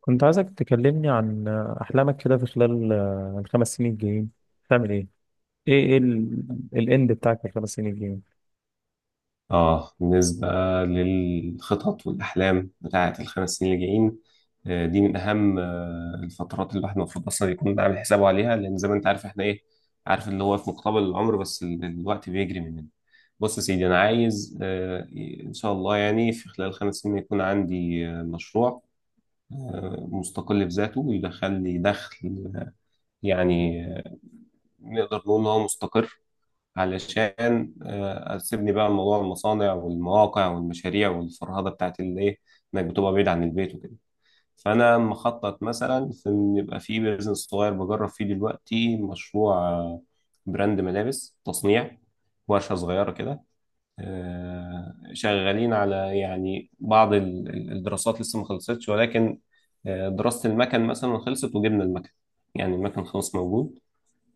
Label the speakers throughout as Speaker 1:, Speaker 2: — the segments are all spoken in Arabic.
Speaker 1: كنت عايزك تكلمني عن أحلامك كده في خلال الخمس سنين الجايين تعمل إيه؟ إيه الإند بتاعك في الخمس سنين الجايين؟
Speaker 2: بالنسبة للخطط والأحلام بتاعة الخمس سنين اللي جايين. دي من أهم الفترات اللي الواحد المفروض أصلا يكون عامل حسابه عليها، لأن زي ما أنت عارف إحنا إيه عارف اللي هو في مقتبل العمر، بس الوقت بيجري مننا. بص يا سيدي، أنا عايز إن شاء الله يعني في خلال خمس سنين يكون عندي مشروع مستقل بذاته، ويدخل لي دخل يعني آه، نقدر نقول إن هو مستقر، علشان اسيبني بقى من موضوع المصانع والمواقع والمشاريع والفرهده بتاعت الايه، انك بتبقى بعيد عن البيت وكده. فانا مخطط مثلا في ان يبقى في بيزنس صغير بجرب فيه دلوقتي مشروع براند ملابس تصنيع، ورشه صغيره كده. شغالين على يعني بعض الدراسات لسه ما خلصتش، ولكن دراسه المكن مثلا خلصت وجبنا المكن، يعني المكن خلاص موجود.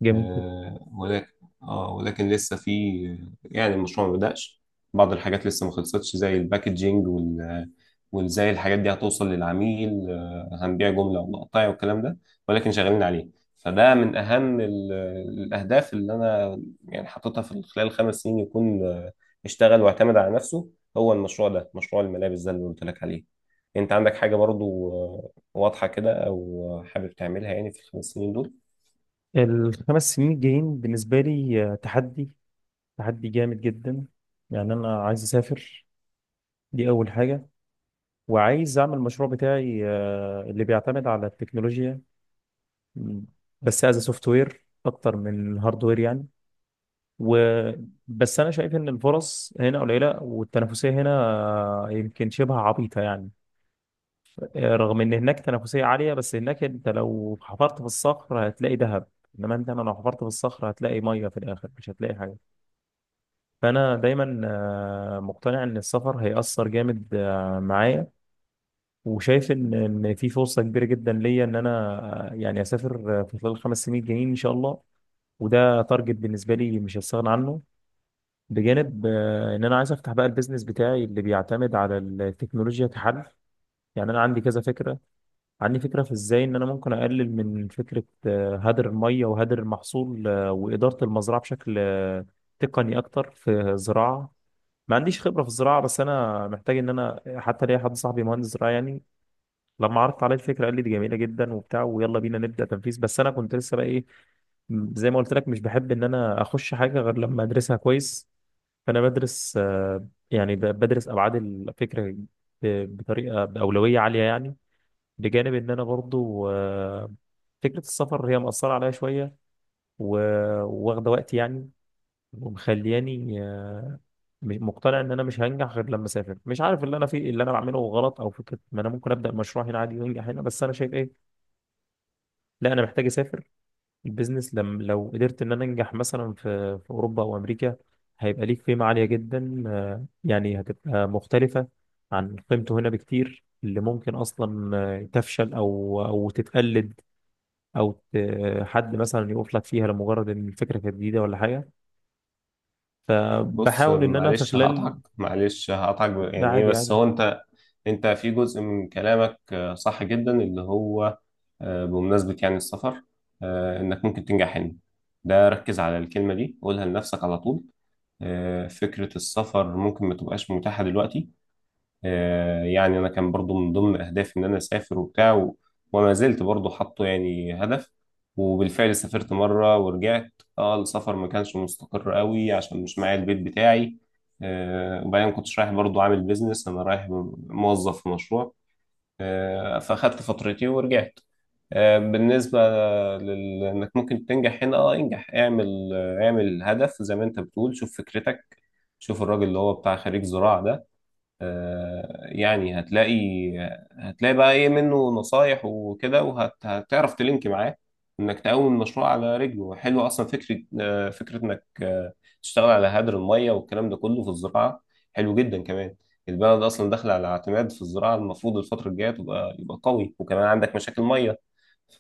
Speaker 1: جميل جدا.
Speaker 2: آه، ولكن اه ولكن لسه في، يعني المشروع ما بدأش. بعض الحاجات لسه ما خلصتش زي الباكجينج وازاي الحاجات دي هتوصل للعميل، هنبيع جملة ولا قطايع والكلام ده، ولكن شغالين عليه. فده من أهم الأهداف اللي أنا يعني حاططها في خلال الخمس سنين، يكون اشتغل واعتمد على نفسه. هو المشروع ده مشروع الملابس ده اللي قلت لك عليه. أنت عندك حاجة برضو واضحة كده أو حابب تعملها يعني في الخمس سنين دول؟
Speaker 1: الخمس سنين الجايين بالنسبة لي تحدي جامد جدا. يعني أنا عايز أسافر، دي أول حاجة. وعايز أعمل المشروع بتاعي اللي بيعتمد على التكنولوجيا. م، بس از سوفت وير أكتر من هاردوير يعني. و بس انا شايف ان الفرص هنا قليله والتنافسيه هنا يمكن شبه عبيطه يعني. رغم ان هناك تنافسيه عاليه، بس هناك انت لو حفرت في الصخر هتلاقي ذهب، انما انا لو حفرت في الصخر هتلاقي ميه في الاخر، مش هتلاقي حاجه. فانا دايما مقتنع ان السفر هيأثر جامد معايا. وشايف ان في فرصه كبيره جدا ليا ان انا يعني اسافر في خلال الخمس سنين الجايين ان شاء الله. وده تارجت بالنسبه لي مش هستغنى عنه. بجانب ان انا عايز افتح بقى البيزنس بتاعي اللي بيعتمد على التكنولوجيا كحل. يعني انا عندي كذا فكره. عندي فكرة في ازاي ان انا ممكن اقلل من فكرة هدر المية وهدر المحصول وإدارة المزرعة بشكل تقني اكتر في الزراعة. ما عنديش خبرة في الزراعة، بس انا محتاج ان انا حتى ليا حد صاحبي مهندس زراعة يعني. لما عرضت عليه الفكرة قال لي دي جميلة جدا وبتاع، ويلا بينا نبدأ تنفيذ. بس انا كنت لسه بقى ايه، زي ما قلت لك، مش بحب ان انا اخش حاجة غير لما ادرسها كويس. فانا بدرس يعني بدرس ابعاد الفكرة بطريقة بأولوية عالية يعني. بجانب ان انا برضو فكره السفر هي مأثره عليا شويه وواخده وقت يعني. ومخلياني مقتنع ان انا مش هنجح غير لما اسافر. مش عارف اللي انا فيه اللي انا بعمله غلط، او فكره ما انا ممكن ابدا مشروع هنا عادي وانجح هنا. بس انا شايف ايه، لا انا محتاج اسافر. البيزنس لم لو قدرت ان انا انجح مثلا في اوروبا او امريكا، هيبقى ليك قيمه عاليه جدا يعني هتبقى مختلفه عن قيمته هنا بكتير، اللي ممكن اصلا تفشل او تتقلد، او حد مثلا يقف لك فيها لمجرد ان الفكره كانت جديده ولا حاجه.
Speaker 2: بص
Speaker 1: فبحاول ان انا في
Speaker 2: معلش
Speaker 1: خلال...
Speaker 2: هقطعك، معلش هقطعك
Speaker 1: ده
Speaker 2: يعني ايه
Speaker 1: عادي
Speaker 2: بس
Speaker 1: يعني.
Speaker 2: هو انت. انت في جزء من كلامك صح جدا، اللي هو بمناسبة يعني السفر، انك ممكن تنجح هنا، ده ركز على الكلمة دي قولها لنفسك على طول. فكرة السفر ممكن ما تبقاش متاحة دلوقتي. يعني انا كان برضو من ضمن اهدافي ان انا اسافر وبتاع وما زلت برضو حاطه يعني هدف، وبالفعل سافرت مره ورجعت. اه، السفر ما كانش مستقر قوي عشان مش معايا البيت بتاعي. وبعدين كنتش رايح برضو عامل بيزنس، انا رايح موظف في مشروع، فاخدت فترتي ورجعت. بالنسبة إنك ممكن تنجح هنا، اه انجح، اعمل اعمل هدف زي ما انت بتقول. شوف فكرتك، شوف الراجل اللي هو بتاع خريج زراعة ده، يعني هتلاقي، بقى ايه منه نصايح وكده، وهتعرف تلينك معاه انك تقوم المشروع على رجله. حلو اصلا فكره، فكره انك تشتغل على هدر الميه والكلام ده كله في الزراعه. حلو جدا كمان. البلد اصلا داخله على اعتماد في الزراعه، المفروض الفتره الجايه يبقى قوي، وكمان عندك مشاكل ميه.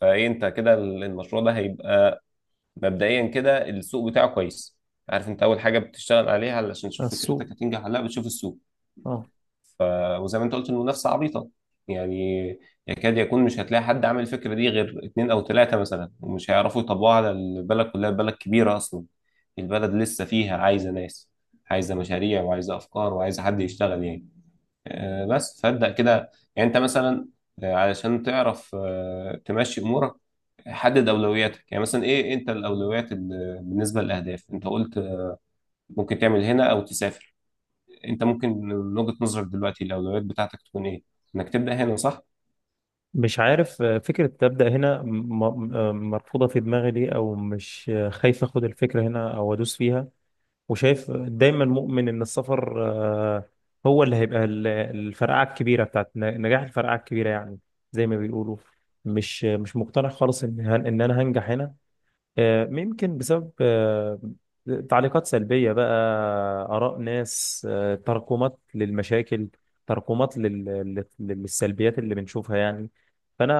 Speaker 2: فايه انت كده المشروع ده هيبقى مبدئيا كده السوق بتاعه كويس. عارف انت اول حاجه بتشتغل عليها علشان تشوف
Speaker 1: السوق.
Speaker 2: فكرتك هتنجح ولا لا؟ بتشوف السوق.
Speaker 1: اه.
Speaker 2: ف... وزي ما انت قلت، المنافسه عبيطه، يعني يكاد يكون مش هتلاقي حد عامل الفكره دي غير اتنين او تلاته مثلا، ومش هيعرفوا يطبقوها على البلد كلها، البلد كبيره اصلا. البلد لسه فيها عايزه ناس، عايزه مشاريع وعايزه افكار وعايزه حد يشتغل يعني. بس فابدا كده، يعني انت مثلا علشان تعرف تمشي امورك، حدد اولوياتك. يعني مثلا ايه، إيه انت الاولويات بالنسبه للاهداف؟ انت قلت ممكن تعمل هنا او تسافر. انت ممكن من وجهة نظرك دلوقتي الاولويات بتاعتك تكون ايه؟ انك تبدأ هنا صح؟
Speaker 1: مش عارف فكره تبدا هنا مرفوضه في دماغي ليه، او مش خايف اخد الفكره هنا او ادوس فيها. وشايف دايما مؤمن ان السفر هو اللي هيبقى الفرقعه الكبيره بتاعت نجاح، الفرقعه الكبيره يعني، زي ما بيقولوا. مش مقتنع خالص ان ان انا هنجح هنا. يمكن بسبب تعليقات سلبية بقى، آراء ناس، تراكمات للمشاكل، تراكمات للسلبيات اللي بنشوفها يعني. فأنا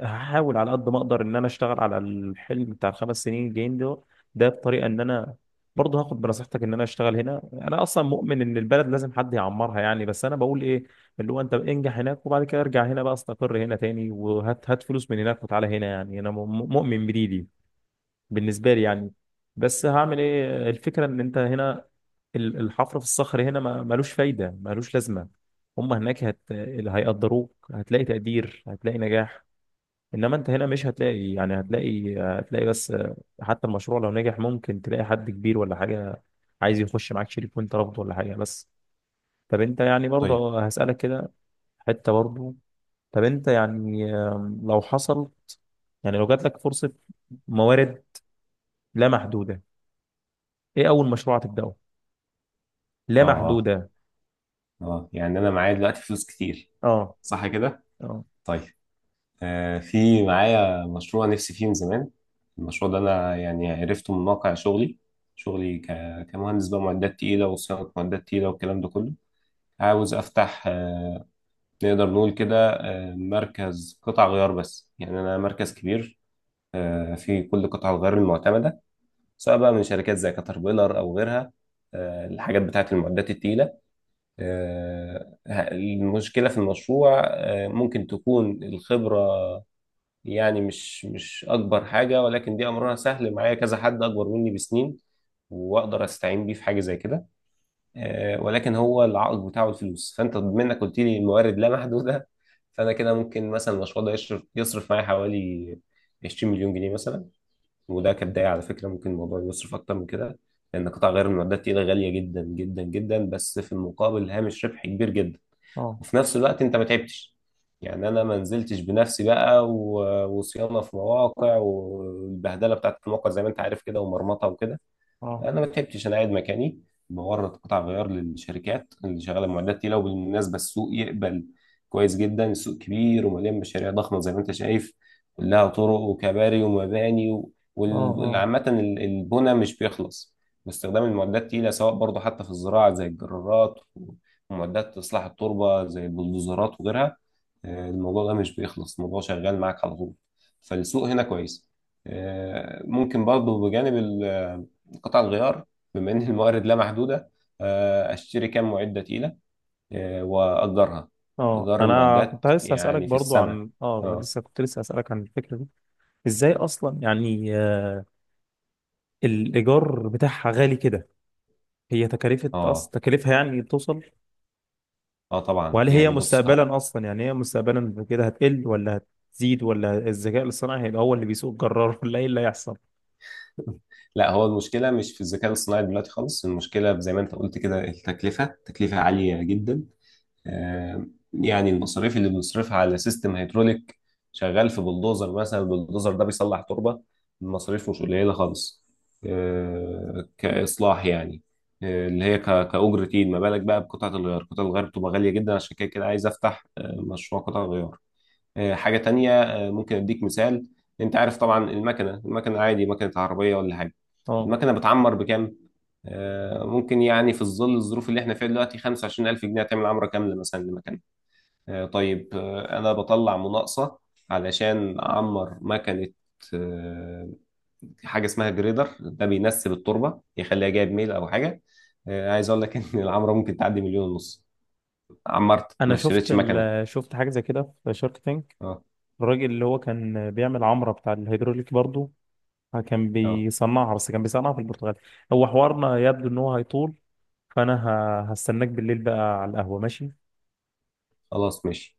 Speaker 1: هحاول على قد ما أقدر إن أنا أشتغل على الحلم بتاع الخمس سنين الجايين ده. بطريقة إن أنا برضه هاخد بنصيحتك إن أنا أشتغل هنا. أنا أصلا مؤمن إن البلد لازم حد يعمرها يعني، بس أنا بقول إيه، اللي هو أنت انجح هناك وبعد كده ارجع هنا بقى، استقر هنا تاني وهات هات فلوس من هناك وتعالى هنا يعني. أنا مؤمن بدي دي بالنسبه لي يعني. بس هعمل ايه، الفكره ان انت هنا الحفر في الصخر هنا ملوش فايده ملوش لازمه. هم هناك اللي هيقدروك، هتلاقي تقدير، هتلاقي نجاح. انما انت هنا مش هتلاقي يعني، هتلاقي بس. حتى المشروع لو نجح ممكن تلاقي حد كبير ولا حاجه عايز يخش معاك شريك وانت رافضه ولا حاجه. بس طب انت يعني
Speaker 2: طيب.
Speaker 1: برضه هسألك كده حته برضه. طب انت يعني لو حصل، يعني لو جات لك فرصه، موارد لا محدوده، ايه اول مشروع هتبداه؟ لا
Speaker 2: اه. اه.
Speaker 1: محدوده.
Speaker 2: اه، يعني انا معايا دلوقتي فلوس كتير،
Speaker 1: اه.
Speaker 2: صح كده؟
Speaker 1: اه.
Speaker 2: طيب. في معايا مشروع نفسي فيه من زمان. المشروع ده انا يعني عرفته من واقع شغلي، شغلي كمهندس بقى معدات تقيلة وصيانة معدات تقيلة والكلام ده كله. عاوز افتح نقدر نقول كده مركز قطع غيار، بس يعني انا مركز كبير في كل قطع الغيار المعتمدة، سواء بقى من شركات زي كاتربيلر او غيرها. الحاجات بتاعت المعدات التقيله. المشكله في المشروع ممكن تكون الخبره، يعني مش اكبر حاجه، ولكن دي امرها سهل، معايا كذا حد اكبر مني بسنين واقدر استعين بيه في حاجه زي كده. ولكن هو العائق بتاعه الفلوس، فانت بما انك قلت لي الموارد لا محدوده، فانا كده ممكن مثلا المشروع ده يشرف يصرف معايا حوالي 20 مليون جنيه مثلا. وده كبداية على فكرة، ممكن الموضوع يصرف أكتر من كده، لأن قطع غيار المعدات التقيلة غالية جدا جدا جدا، بس في المقابل هامش ربح كبير جدا.
Speaker 1: اه.
Speaker 2: وفي نفس الوقت أنت ما تعبتش، يعني أنا ما نزلتش بنفسي بقى وصيانة في مواقع والبهدلة بتاعت المواقع زي ما أنت عارف كده، ومرمطة وكده.
Speaker 1: اه.
Speaker 2: انا ما بحبش، انا قاعد مكاني بورد قطع غيار للشركات اللي شغاله معدات تقيله. وبالمناسبه السوق يقبل كويس جدا، السوق كبير ومليان مشاريع ضخمه زي ما انت شايف، كلها طرق وكباري ومباني
Speaker 1: اه. اه.
Speaker 2: عامه البنى مش بيخلص. واستخدام المعدات التقيله سواء برضه حتى في الزراعه زي الجرارات، ومعدات اصلاح التربه زي البلدوزرات وغيرها. الموضوع ده مش بيخلص، الموضوع شغال معاك على طول. فالسوق هنا كويس. ممكن برضه بجانب قطع الغيار، بما ان الموارد لا محدوده، اشتري كام معده تقيله واجرها.
Speaker 1: اه،
Speaker 2: ايجار
Speaker 1: انا كنت
Speaker 2: المعدات
Speaker 1: لسه هسالك
Speaker 2: يعني في
Speaker 1: برضو
Speaker 2: السماء.
Speaker 1: عن اه
Speaker 2: اه.
Speaker 1: لسه كنت هسالك عن الفكره دي. ازاي اصلا يعني الايجار بتاعها غالي كده؟ هي تكلفه اصلا،
Speaker 2: اه.
Speaker 1: تكلفها يعني بتوصل.
Speaker 2: اه طبعا.
Speaker 1: وهل هي
Speaker 2: يعني بص
Speaker 1: مستقبلا اصلا يعني، هي مستقبلا كده هتقل ولا هتزيد؟ ولا الذكاء الاصطناعي هيبقى هو اللي بيسوق الجرار ولا ايه اللي هيحصل؟
Speaker 2: لا، هو المشكله مش في الذكاء الصناعي دلوقتي خالص. المشكله زي ما انت قلت كده، التكلفه تكلفه عاليه جدا. آه، يعني المصاريف اللي بنصرفها على سيستم هيدروليك شغال في بلدوزر مثلا، البلدوزر ده بيصلح تربة، المصاريف مش قليلة خالص، كإصلاح يعني آه، اللي هي ك- كأجرة إيد. ما بالك بقى بقطعة الغيار، قطعة الغيار بتبقى غالية جدا، عشان كده كده عايز أفتح مشروع قطع غيار. حاجة تانية ممكن أديك مثال. أنت عارف طبعا المكنة، المكنة عادي مكنة عربية ولا حاجة،
Speaker 1: اه،
Speaker 2: المكنة بتعمر بكام؟ ممكن يعني في ظل الظروف اللي احنا فيها دلوقتي 25,000 جنيه تعمل عمرة كاملة مثلا لمكنة. طيب انا بطلع مناقصه علشان اعمر مكنه آه، حاجه اسمها جريدر، ده بينسب التربه يخليها جايب ميل او حاجه. عايز اقول لك ان العمره ممكن تعدي مليون ونص. عمرت
Speaker 1: انا
Speaker 2: ما
Speaker 1: شفت
Speaker 2: اشتريتش مكنه.
Speaker 1: شفت حاجه زي كده في شارك ثانك،
Speaker 2: اه.
Speaker 1: الراجل اللي هو كان بيعمل عمرة بتاع الهيدروليك برضو كان
Speaker 2: اه.
Speaker 1: بيصنعها، بس كان بيصنعها في البرتغال. هو حوارنا يبدو ان هو هيطول. فانا هستناك بالليل بقى على القهوة. ماشي.
Speaker 2: خلاص ماشي.